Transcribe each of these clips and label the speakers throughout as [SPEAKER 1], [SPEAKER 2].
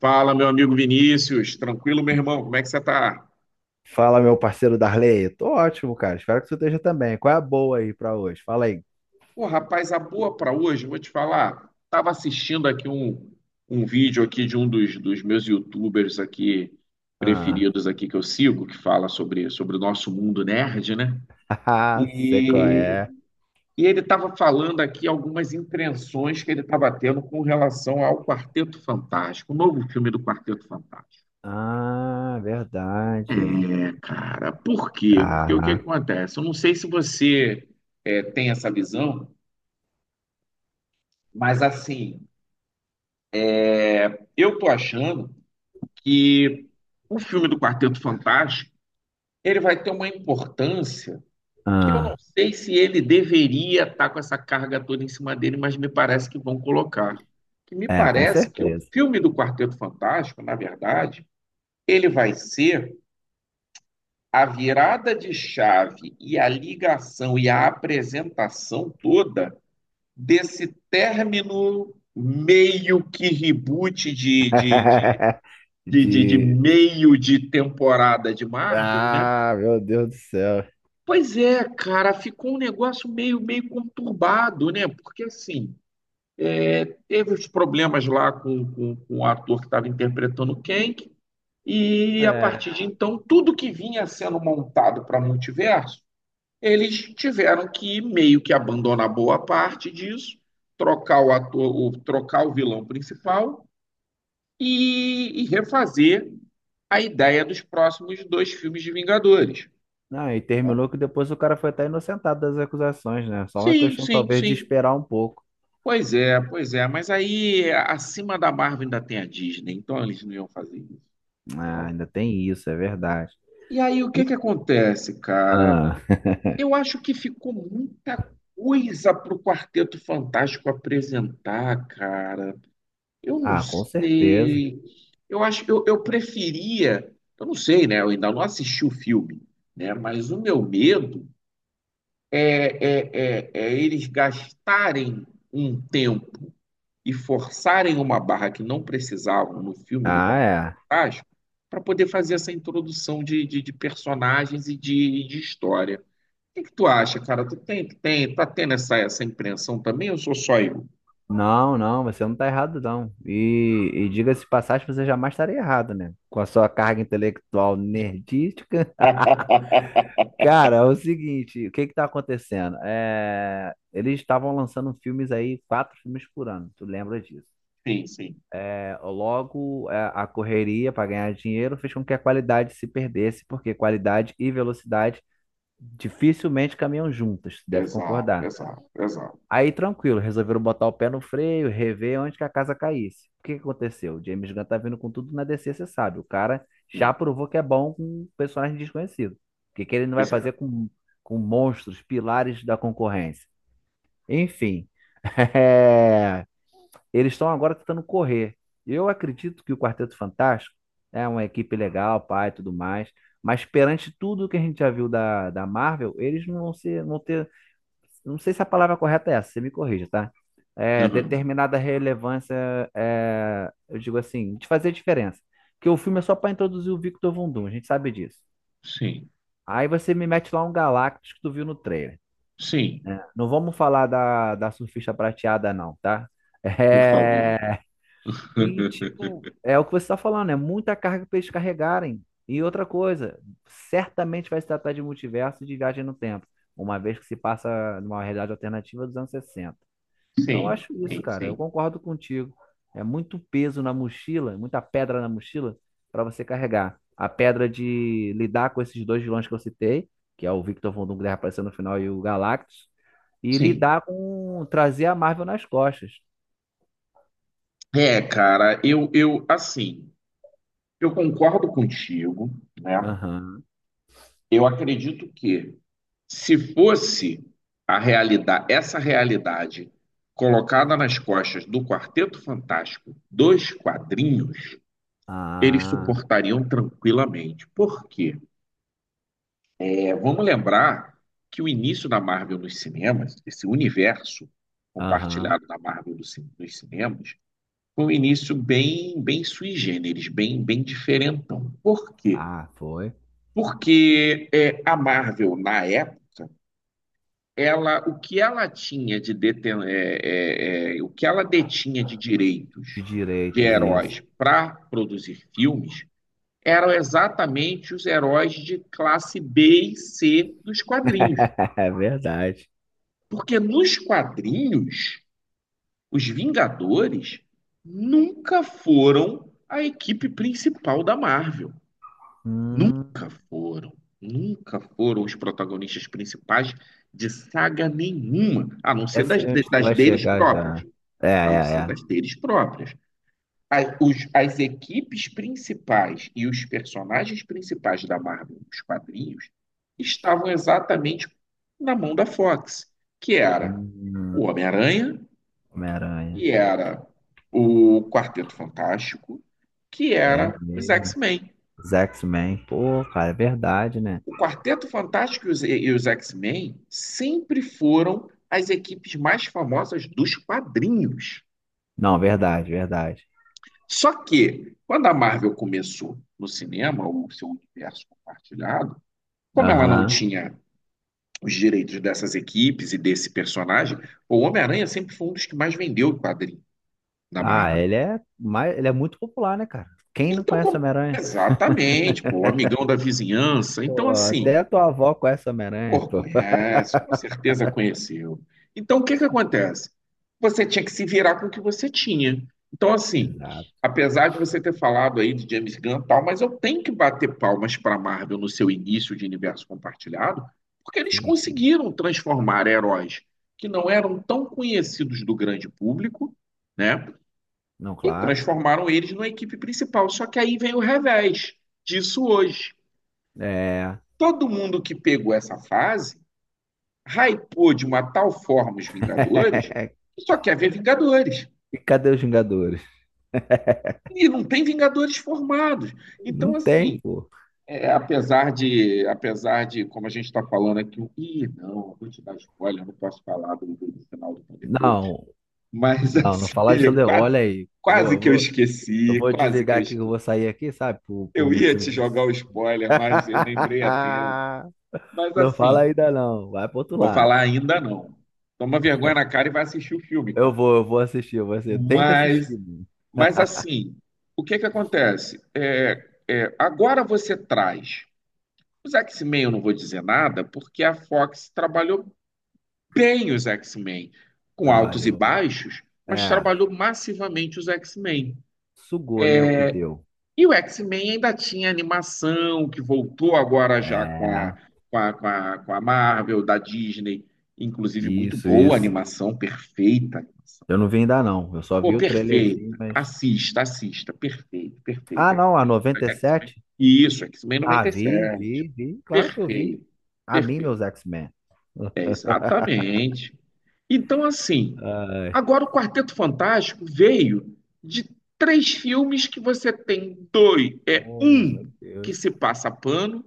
[SPEAKER 1] Fala, meu amigo Vinícius. Tranquilo, meu irmão? Como é que você tá?
[SPEAKER 2] Fala, meu parceiro Darley. Tô ótimo, cara. Espero que você esteja também. Qual é a boa aí pra hoje? Fala aí.
[SPEAKER 1] Pô, rapaz, a boa pra hoje, vou te falar. Tava assistindo aqui um vídeo aqui de um dos meus YouTubers aqui
[SPEAKER 2] Ah,
[SPEAKER 1] preferidos aqui que eu sigo, que fala sobre o nosso mundo nerd, né?
[SPEAKER 2] sei qual
[SPEAKER 1] E,
[SPEAKER 2] é.
[SPEAKER 1] e ele tava falando aqui algumas impressões que ele tava tendo com relação ao Quarteto Fantástico, o novo filme do Quarteto Fantástico.
[SPEAKER 2] Ah, verdade.
[SPEAKER 1] É, cara, por quê? Porque o que
[SPEAKER 2] Caraca.
[SPEAKER 1] acontece? Eu não sei se você tem essa visão, mas assim, eu tô achando que o filme do Quarteto Fantástico, ele vai ter uma importância que eu não
[SPEAKER 2] Ah,
[SPEAKER 1] sei se ele deveria estar com essa carga toda em cima dele, mas me parece que vão colocar. Que me
[SPEAKER 2] é, com
[SPEAKER 1] parece que o
[SPEAKER 2] certeza.
[SPEAKER 1] filme do Quarteto Fantástico, na verdade, ele vai ser a virada de chave e a ligação e a apresentação toda desse término meio que reboot de, de, de, de, de- de
[SPEAKER 2] De.
[SPEAKER 1] meio de temporada de Marvel, né?
[SPEAKER 2] Ah, meu Deus do céu.
[SPEAKER 1] Pois é, cara, ficou um negócio meio, meio conturbado, né? Porque assim, teve os problemas lá com o ator que estava interpretando o Kang, e a partir
[SPEAKER 2] É.
[SPEAKER 1] de então, tudo que vinha sendo montado para multiverso, eles tiveram que meio que abandonar boa parte disso, trocar o ator, o, trocar o vilão principal e refazer a ideia dos próximos dois filmes de Vingadores.
[SPEAKER 2] Ah, e
[SPEAKER 1] Né?
[SPEAKER 2] terminou que depois o cara foi até inocentado das acusações, né? Só uma
[SPEAKER 1] Sim,
[SPEAKER 2] questão,
[SPEAKER 1] sim,
[SPEAKER 2] talvez, de
[SPEAKER 1] sim.
[SPEAKER 2] esperar um pouco.
[SPEAKER 1] Pois é, pois é. Mas aí, acima da Marvel ainda tem a Disney, então eles não iam fazer isso.
[SPEAKER 2] Ah,
[SPEAKER 1] né?
[SPEAKER 2] ainda tem isso, é verdade.
[SPEAKER 1] E aí, o que
[SPEAKER 2] E-
[SPEAKER 1] que acontece, cara?
[SPEAKER 2] Ah,
[SPEAKER 1] Eu acho que ficou muita coisa pro Quarteto Fantástico apresentar, cara. Eu não
[SPEAKER 2] ah, com certeza.
[SPEAKER 1] sei. Eu acho, eu preferia. Eu não sei, né? Eu ainda não assisti o filme, né? Mas o meu medo é eles gastarem um tempo e forçarem uma barra que não precisavam no filme do
[SPEAKER 2] Ah,
[SPEAKER 1] Quarteto
[SPEAKER 2] é.
[SPEAKER 1] Fantástico para poder fazer essa introdução de personagens e de história. O que tu acha, cara? Tu tá tendo essa, essa impressão também ou sou só eu?
[SPEAKER 2] Não, não, você não tá errado, não. E diga-se de passagem, você jamais estaria errado, né? Com a sua carga intelectual nerdística. Cara, é o seguinte, o que que tá acontecendo? É, eles estavam lançando filmes aí, quatro filmes por ano, tu lembra disso?
[SPEAKER 1] Sim, sim.
[SPEAKER 2] É, logo, é, a correria para ganhar dinheiro fez com que a qualidade se perdesse, porque qualidade e velocidade dificilmente caminham juntas, deve
[SPEAKER 1] Exato,
[SPEAKER 2] concordar.
[SPEAKER 1] exato, exato.
[SPEAKER 2] Aí tranquilo, resolveram botar o pé no freio, rever onde que a casa caísse. O que que aconteceu? O James Gunn tá vindo com tudo na DC, você sabe. O cara já
[SPEAKER 1] Sim,
[SPEAKER 2] provou que é bom com personagem desconhecido. O que que ele não vai
[SPEAKER 1] pois
[SPEAKER 2] fazer
[SPEAKER 1] é.
[SPEAKER 2] com monstros, pilares da concorrência? Enfim, é, eles estão agora tentando correr. Eu acredito que o Quarteto Fantástico é uma equipe legal, pai, tudo mais. Mas perante tudo que a gente já viu da Marvel, eles não vão ser, não ter não sei se a palavra correta é essa, você me corrija, tá? É,
[SPEAKER 1] Aham.
[SPEAKER 2] determinada relevância, é, eu digo assim, de fazer diferença. Porque o filme é só para introduzir o Victor Von Doom, a gente sabe disso.
[SPEAKER 1] Sim,
[SPEAKER 2] Aí você me mete lá um Galactus que tu viu no trailer.
[SPEAKER 1] sim,
[SPEAKER 2] Né? Não vamos falar da surfista prateada, não, tá?
[SPEAKER 1] por favor.
[SPEAKER 2] É, e, tipo, é o que você tá falando, é muita carga para eles carregarem. E outra coisa, certamente vai se tratar de multiverso e de viagem no tempo, uma vez que se passa numa realidade alternativa dos anos 60. Então, eu
[SPEAKER 1] Sim,
[SPEAKER 2] acho isso,
[SPEAKER 1] sim,
[SPEAKER 2] cara. Eu
[SPEAKER 1] sim,
[SPEAKER 2] concordo contigo. É muito peso na mochila, muita pedra na mochila para você carregar. A pedra de lidar com esses dois vilões que eu citei, que é o Victor Von Doom que aparecendo no final e o Galactus, e
[SPEAKER 1] sim.
[SPEAKER 2] lidar com trazer a Marvel nas costas.
[SPEAKER 1] É, cara, eu assim, eu concordo contigo, né?
[SPEAKER 2] Aham.
[SPEAKER 1] Eu acredito que se fosse a realidade, essa realidade colocada nas costas do Quarteto Fantástico, dos quadrinhos, eles
[SPEAKER 2] Ah,
[SPEAKER 1] suportariam tranquilamente. Por quê? É, vamos lembrar que o início da Marvel nos cinemas, esse universo
[SPEAKER 2] aham.
[SPEAKER 1] compartilhado da Marvel nos cinemas, com um início bem, bem sui generis, bem, bem diferentão. Por quê?
[SPEAKER 2] Ah, foi.
[SPEAKER 1] Porque é, a Marvel, na época, ela, o que ela tinha de deten é, é, é, o que ela detinha de
[SPEAKER 2] De
[SPEAKER 1] direitos de
[SPEAKER 2] direitos, isso.
[SPEAKER 1] heróis para produzir filmes eram exatamente os heróis de classe B e C dos quadrinhos.
[SPEAKER 2] É verdade.
[SPEAKER 1] Porque nos quadrinhos, os Vingadores nunca foram a equipe principal da Marvel.
[SPEAKER 2] Hum,
[SPEAKER 1] Nunca foram, nunca foram os protagonistas principais de saga nenhuma, a não ser
[SPEAKER 2] essa é onde tu
[SPEAKER 1] das
[SPEAKER 2] vai
[SPEAKER 1] deles
[SPEAKER 2] chegar já.
[SPEAKER 1] próprias,
[SPEAKER 2] É,
[SPEAKER 1] a não
[SPEAKER 2] é,
[SPEAKER 1] ser
[SPEAKER 2] é.
[SPEAKER 1] das deles próprias. As equipes principais e os personagens principais da Marvel, os quadrinhos, estavam exatamente na mão da Fox, que era o
[SPEAKER 2] Hum,
[SPEAKER 1] Homem-Aranha,
[SPEAKER 2] Homem-Aranha.
[SPEAKER 1] que era o Quarteto Fantástico, que
[SPEAKER 2] É
[SPEAKER 1] era os
[SPEAKER 2] mesmo.
[SPEAKER 1] X-Men.
[SPEAKER 2] Os X-Men. Pô, cara, é verdade, né?
[SPEAKER 1] O Quarteto Fantástico e os X-Men sempre foram as equipes mais famosas dos quadrinhos.
[SPEAKER 2] Não, verdade, verdade.
[SPEAKER 1] Só que, quando a Marvel começou no cinema, o seu universo compartilhado, como ela não
[SPEAKER 2] Aham.
[SPEAKER 1] tinha os direitos dessas equipes e desse personagem, o Homem-Aranha sempre foi um dos que mais vendeu o quadrinho da
[SPEAKER 2] Ah,
[SPEAKER 1] Marvel.
[SPEAKER 2] ele é, mais, ele é muito popular, né, cara? Quem não
[SPEAKER 1] Então,
[SPEAKER 2] conhece
[SPEAKER 1] como...
[SPEAKER 2] Homem-Aranha?
[SPEAKER 1] exatamente, pô, o amigão da vizinhança. Então,
[SPEAKER 2] Pô,
[SPEAKER 1] assim,
[SPEAKER 2] até a tua avó conhece Homem-Aranha,
[SPEAKER 1] pô,
[SPEAKER 2] pô.
[SPEAKER 1] conhece, com certeza conheceu. Então, o que que acontece? Você tinha que se virar com o que você tinha. Então, assim,
[SPEAKER 2] Exato.
[SPEAKER 1] apesar de você ter falado aí de James Gunn e tal, mas eu tenho que bater palmas para Marvel no seu início de universo compartilhado, porque eles
[SPEAKER 2] Sim, sim.
[SPEAKER 1] conseguiram transformar heróis que não eram tão conhecidos do grande público, né?
[SPEAKER 2] Não,
[SPEAKER 1] E
[SPEAKER 2] claro.
[SPEAKER 1] transformaram eles numa equipe principal. Só que aí vem o revés disso hoje.
[SPEAKER 2] É.
[SPEAKER 1] Todo mundo que pegou essa fase hypou de uma tal forma os Vingadores que só quer ver Vingadores.
[SPEAKER 2] E cadê os Vingadores?
[SPEAKER 1] E não tem Vingadores formados.
[SPEAKER 2] Não
[SPEAKER 1] Então,
[SPEAKER 2] tem,
[SPEAKER 1] assim,
[SPEAKER 2] pô.
[SPEAKER 1] é, apesar de, como a gente está falando aqui, ih, não, eu vou te dar spoiler, eu não posso falar do final do Thunderbolt.
[SPEAKER 2] Não,
[SPEAKER 1] Mas,
[SPEAKER 2] não, não
[SPEAKER 1] assim,
[SPEAKER 2] falar de Thunder.
[SPEAKER 1] quase,
[SPEAKER 2] Olha aí. Eu vou,
[SPEAKER 1] quase
[SPEAKER 2] eu
[SPEAKER 1] que eu
[SPEAKER 2] vou, eu
[SPEAKER 1] esqueci,
[SPEAKER 2] vou
[SPEAKER 1] quase que
[SPEAKER 2] desligar
[SPEAKER 1] eu
[SPEAKER 2] aqui, que eu
[SPEAKER 1] esqueci.
[SPEAKER 2] vou sair aqui, sabe? Por
[SPEAKER 1] Eu ia
[SPEAKER 2] motivo
[SPEAKER 1] te
[SPEAKER 2] disso.
[SPEAKER 1] jogar o spoiler, mas eu lembrei a tempo. Mas,
[SPEAKER 2] Não fala
[SPEAKER 1] assim,
[SPEAKER 2] ainda não. Vai pro outro
[SPEAKER 1] vou
[SPEAKER 2] lado.
[SPEAKER 1] falar ainda não. Toma vergonha na cara e vai assistir o filme,
[SPEAKER 2] Eu
[SPEAKER 1] cara.
[SPEAKER 2] vou, eu vou assistir. Eu vou Você tem que assistir,
[SPEAKER 1] Mas
[SPEAKER 2] mano.
[SPEAKER 1] Mas assim, o que que acontece? É, é, agora você traz. Os X-Men eu não vou dizer nada, porque a Fox trabalhou bem os X-Men, com altos e
[SPEAKER 2] Trabalhou.
[SPEAKER 1] baixos, mas
[SPEAKER 2] É.
[SPEAKER 1] trabalhou massivamente os X-Men.
[SPEAKER 2] Sugou, né? O que deu.
[SPEAKER 1] E o X-Men ainda tinha animação, que voltou agora já com a,
[SPEAKER 2] É.
[SPEAKER 1] com a, com a, com a Marvel, da Disney, inclusive muito
[SPEAKER 2] Isso,
[SPEAKER 1] boa a
[SPEAKER 2] isso.
[SPEAKER 1] animação, perfeita,
[SPEAKER 2] Eu não vi ainda não. Eu só
[SPEAKER 1] pô,
[SPEAKER 2] vi o
[SPEAKER 1] perfeito.
[SPEAKER 2] trailerzinho, mas.
[SPEAKER 1] Assista, assista. Perfeito, perfeito.
[SPEAKER 2] Ah, não. A noventa e sete
[SPEAKER 1] X-Men
[SPEAKER 2] Ah,
[SPEAKER 1] noventa e
[SPEAKER 2] vi,
[SPEAKER 1] sete,
[SPEAKER 2] vi, vi. Claro que eu vi.
[SPEAKER 1] perfeito,
[SPEAKER 2] A mim, meus
[SPEAKER 1] perfeito.
[SPEAKER 2] X-Men.
[SPEAKER 1] Exatamente. Então, assim,
[SPEAKER 2] Ai.
[SPEAKER 1] agora o Quarteto Fantástico veio de três filmes que você tem dois. É
[SPEAKER 2] Oh,
[SPEAKER 1] um
[SPEAKER 2] meu
[SPEAKER 1] que
[SPEAKER 2] Deus.
[SPEAKER 1] se passa pano,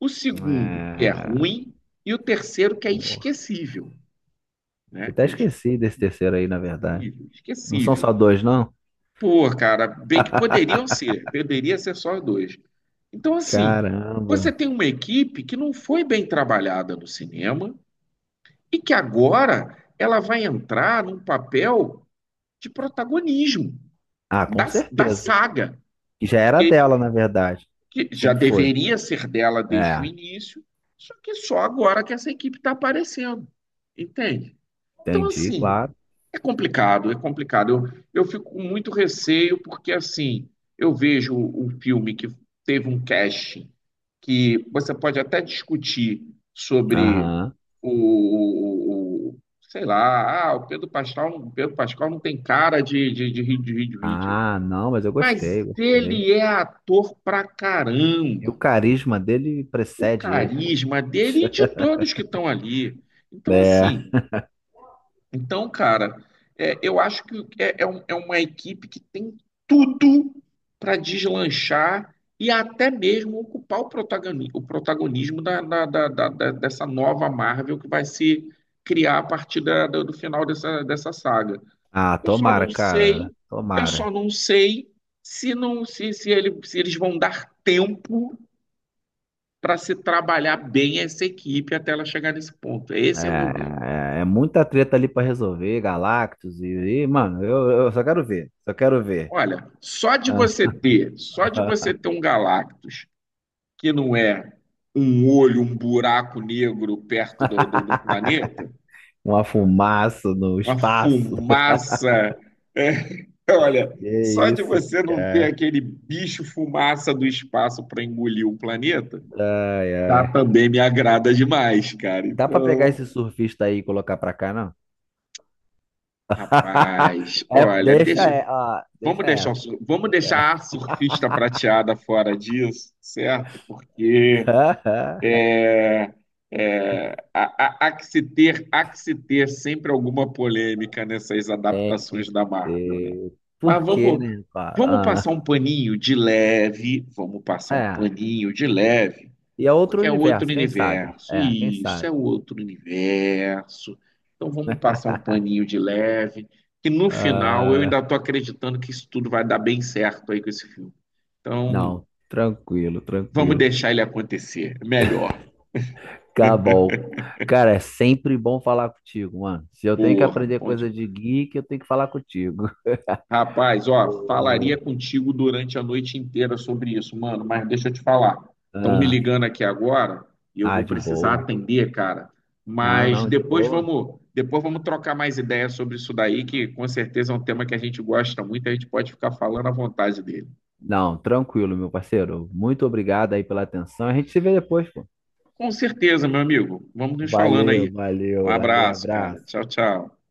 [SPEAKER 1] o segundo que é
[SPEAKER 2] É.
[SPEAKER 1] ruim, e o terceiro que é
[SPEAKER 2] Oh,
[SPEAKER 1] esquecível, né?
[SPEAKER 2] até
[SPEAKER 1] Que é
[SPEAKER 2] esqueci desse terceiro
[SPEAKER 1] esquecível,
[SPEAKER 2] aí, na verdade. Não são
[SPEAKER 1] esquecível.
[SPEAKER 2] só dois, não?
[SPEAKER 1] Pô, cara, bem que poderiam ser, poderia ser só dois. Então, assim, você
[SPEAKER 2] Caramba.
[SPEAKER 1] tem uma equipe que não foi bem trabalhada no cinema e que agora ela vai entrar num papel de protagonismo
[SPEAKER 2] Ah, com
[SPEAKER 1] da
[SPEAKER 2] certeza.
[SPEAKER 1] saga,
[SPEAKER 2] Já era
[SPEAKER 1] porque
[SPEAKER 2] dela, na verdade.
[SPEAKER 1] que já
[SPEAKER 2] Sempre foi.
[SPEAKER 1] deveria ser dela desde o
[SPEAKER 2] É,
[SPEAKER 1] início, só que só agora que essa equipe está aparecendo, entende? Então,
[SPEAKER 2] entendi,
[SPEAKER 1] assim,
[SPEAKER 2] claro.
[SPEAKER 1] é complicado, é complicado. Eu fico com muito receio, porque, assim, eu vejo um filme que teve um casting, que você pode até discutir sobre
[SPEAKER 2] Aham.
[SPEAKER 1] o, o- o- sei lá, ah, o Pedro Pascal não tem cara de Reed Richards.
[SPEAKER 2] Ah, não, mas eu gostei,
[SPEAKER 1] Mas
[SPEAKER 2] gostei.
[SPEAKER 1] ele é ator pra
[SPEAKER 2] E o
[SPEAKER 1] caramba.
[SPEAKER 2] carisma dele
[SPEAKER 1] O
[SPEAKER 2] precede ele. Poxa.
[SPEAKER 1] carisma dele e de todos que estão ali. Então,
[SPEAKER 2] É.
[SPEAKER 1] assim. Então, cara, é, eu acho que é, é é uma equipe que tem tudo para deslanchar e até mesmo ocupar o protagonismo dessa nova Marvel que vai se criar a partir do final dessa, dessa saga.
[SPEAKER 2] Ah,
[SPEAKER 1] Eu só
[SPEAKER 2] tomara,
[SPEAKER 1] não sei,
[SPEAKER 2] cara.
[SPEAKER 1] eu só
[SPEAKER 2] Tomara.
[SPEAKER 1] não sei se se eles vão dar tempo para se trabalhar bem essa equipe até ela chegar nesse ponto. Esse é o meu medo.
[SPEAKER 2] É muita treta ali pra resolver, Galactus e, mano, eu só quero ver, só quero ver.
[SPEAKER 1] Olha, só de você ter, só de você
[SPEAKER 2] Ah,
[SPEAKER 1] ter um Galactus que não é um olho, um buraco negro perto do planeta,
[SPEAKER 2] uma fumaça no
[SPEAKER 1] uma
[SPEAKER 2] espaço.
[SPEAKER 1] fumaça. É, olha,
[SPEAKER 2] Que
[SPEAKER 1] só de
[SPEAKER 2] isso,
[SPEAKER 1] você não ter
[SPEAKER 2] cara.
[SPEAKER 1] aquele bicho fumaça do espaço para engolir o planeta,
[SPEAKER 2] Ai,
[SPEAKER 1] já
[SPEAKER 2] ai.
[SPEAKER 1] também me agrada demais, cara.
[SPEAKER 2] Dá pra pegar
[SPEAKER 1] Então,
[SPEAKER 2] esse surfista aí e colocar pra cá, não?
[SPEAKER 1] rapaz,
[SPEAKER 2] É,
[SPEAKER 1] olha,
[SPEAKER 2] deixa,
[SPEAKER 1] deixa,
[SPEAKER 2] é, ó,
[SPEAKER 1] vamos
[SPEAKER 2] deixa
[SPEAKER 1] deixar,
[SPEAKER 2] essa.
[SPEAKER 1] vamos
[SPEAKER 2] Deixa
[SPEAKER 1] deixar
[SPEAKER 2] essa.
[SPEAKER 1] a surfista prateada fora disso, certo? Porque é, Há, há que se ter, há que se ter sempre alguma polêmica nessas
[SPEAKER 2] Tem que
[SPEAKER 1] adaptações da Marvel, né?
[SPEAKER 2] ter.
[SPEAKER 1] Mas
[SPEAKER 2] Por quê,
[SPEAKER 1] vamos,
[SPEAKER 2] né,
[SPEAKER 1] vamos passar
[SPEAKER 2] cara?
[SPEAKER 1] um paninho de leve, vamos passar um
[SPEAKER 2] Ah, é.
[SPEAKER 1] paninho de leve,
[SPEAKER 2] E é outro
[SPEAKER 1] porque é outro
[SPEAKER 2] universo, quem sabe?
[SPEAKER 1] universo,
[SPEAKER 2] É, quem
[SPEAKER 1] isso
[SPEAKER 2] sabe?
[SPEAKER 1] é outro universo. Então vamos passar um paninho de leve, que no final eu
[SPEAKER 2] Ah,
[SPEAKER 1] ainda estou acreditando que isso tudo vai dar bem certo aí com esse filme. Então
[SPEAKER 2] não, tranquilo,
[SPEAKER 1] vamos
[SPEAKER 2] tranquilo.
[SPEAKER 1] deixar ele acontecer, melhor.
[SPEAKER 2] Tá bom. Cara, é sempre bom falar contigo, mano. Se eu tenho que
[SPEAKER 1] Porra,
[SPEAKER 2] aprender
[SPEAKER 1] bom
[SPEAKER 2] coisa de
[SPEAKER 1] demais.
[SPEAKER 2] geek, eu tenho que falar contigo.
[SPEAKER 1] Rapaz, ó, falaria
[SPEAKER 2] Ô,
[SPEAKER 1] contigo durante a noite inteira sobre isso, mano, mas deixa eu te falar. Estão me
[SPEAKER 2] ah,
[SPEAKER 1] ligando aqui agora e eu
[SPEAKER 2] ah,
[SPEAKER 1] vou
[SPEAKER 2] de
[SPEAKER 1] precisar
[SPEAKER 2] boa.
[SPEAKER 1] atender, cara.
[SPEAKER 2] Não,
[SPEAKER 1] Mas
[SPEAKER 2] não, de boa.
[SPEAKER 1] depois vamos trocar mais ideias sobre isso daí, que com certeza é um tema que a gente gosta muito, a gente pode ficar falando à vontade dele.
[SPEAKER 2] Não, tranquilo, meu parceiro. Muito obrigado aí pela atenção. A gente se vê depois, pô.
[SPEAKER 1] Com certeza, meu amigo. Vamos nos falando
[SPEAKER 2] Valeu,
[SPEAKER 1] aí. Um
[SPEAKER 2] valeu, valeu,
[SPEAKER 1] abraço, cara.
[SPEAKER 2] abraço.
[SPEAKER 1] Tchau, tchau.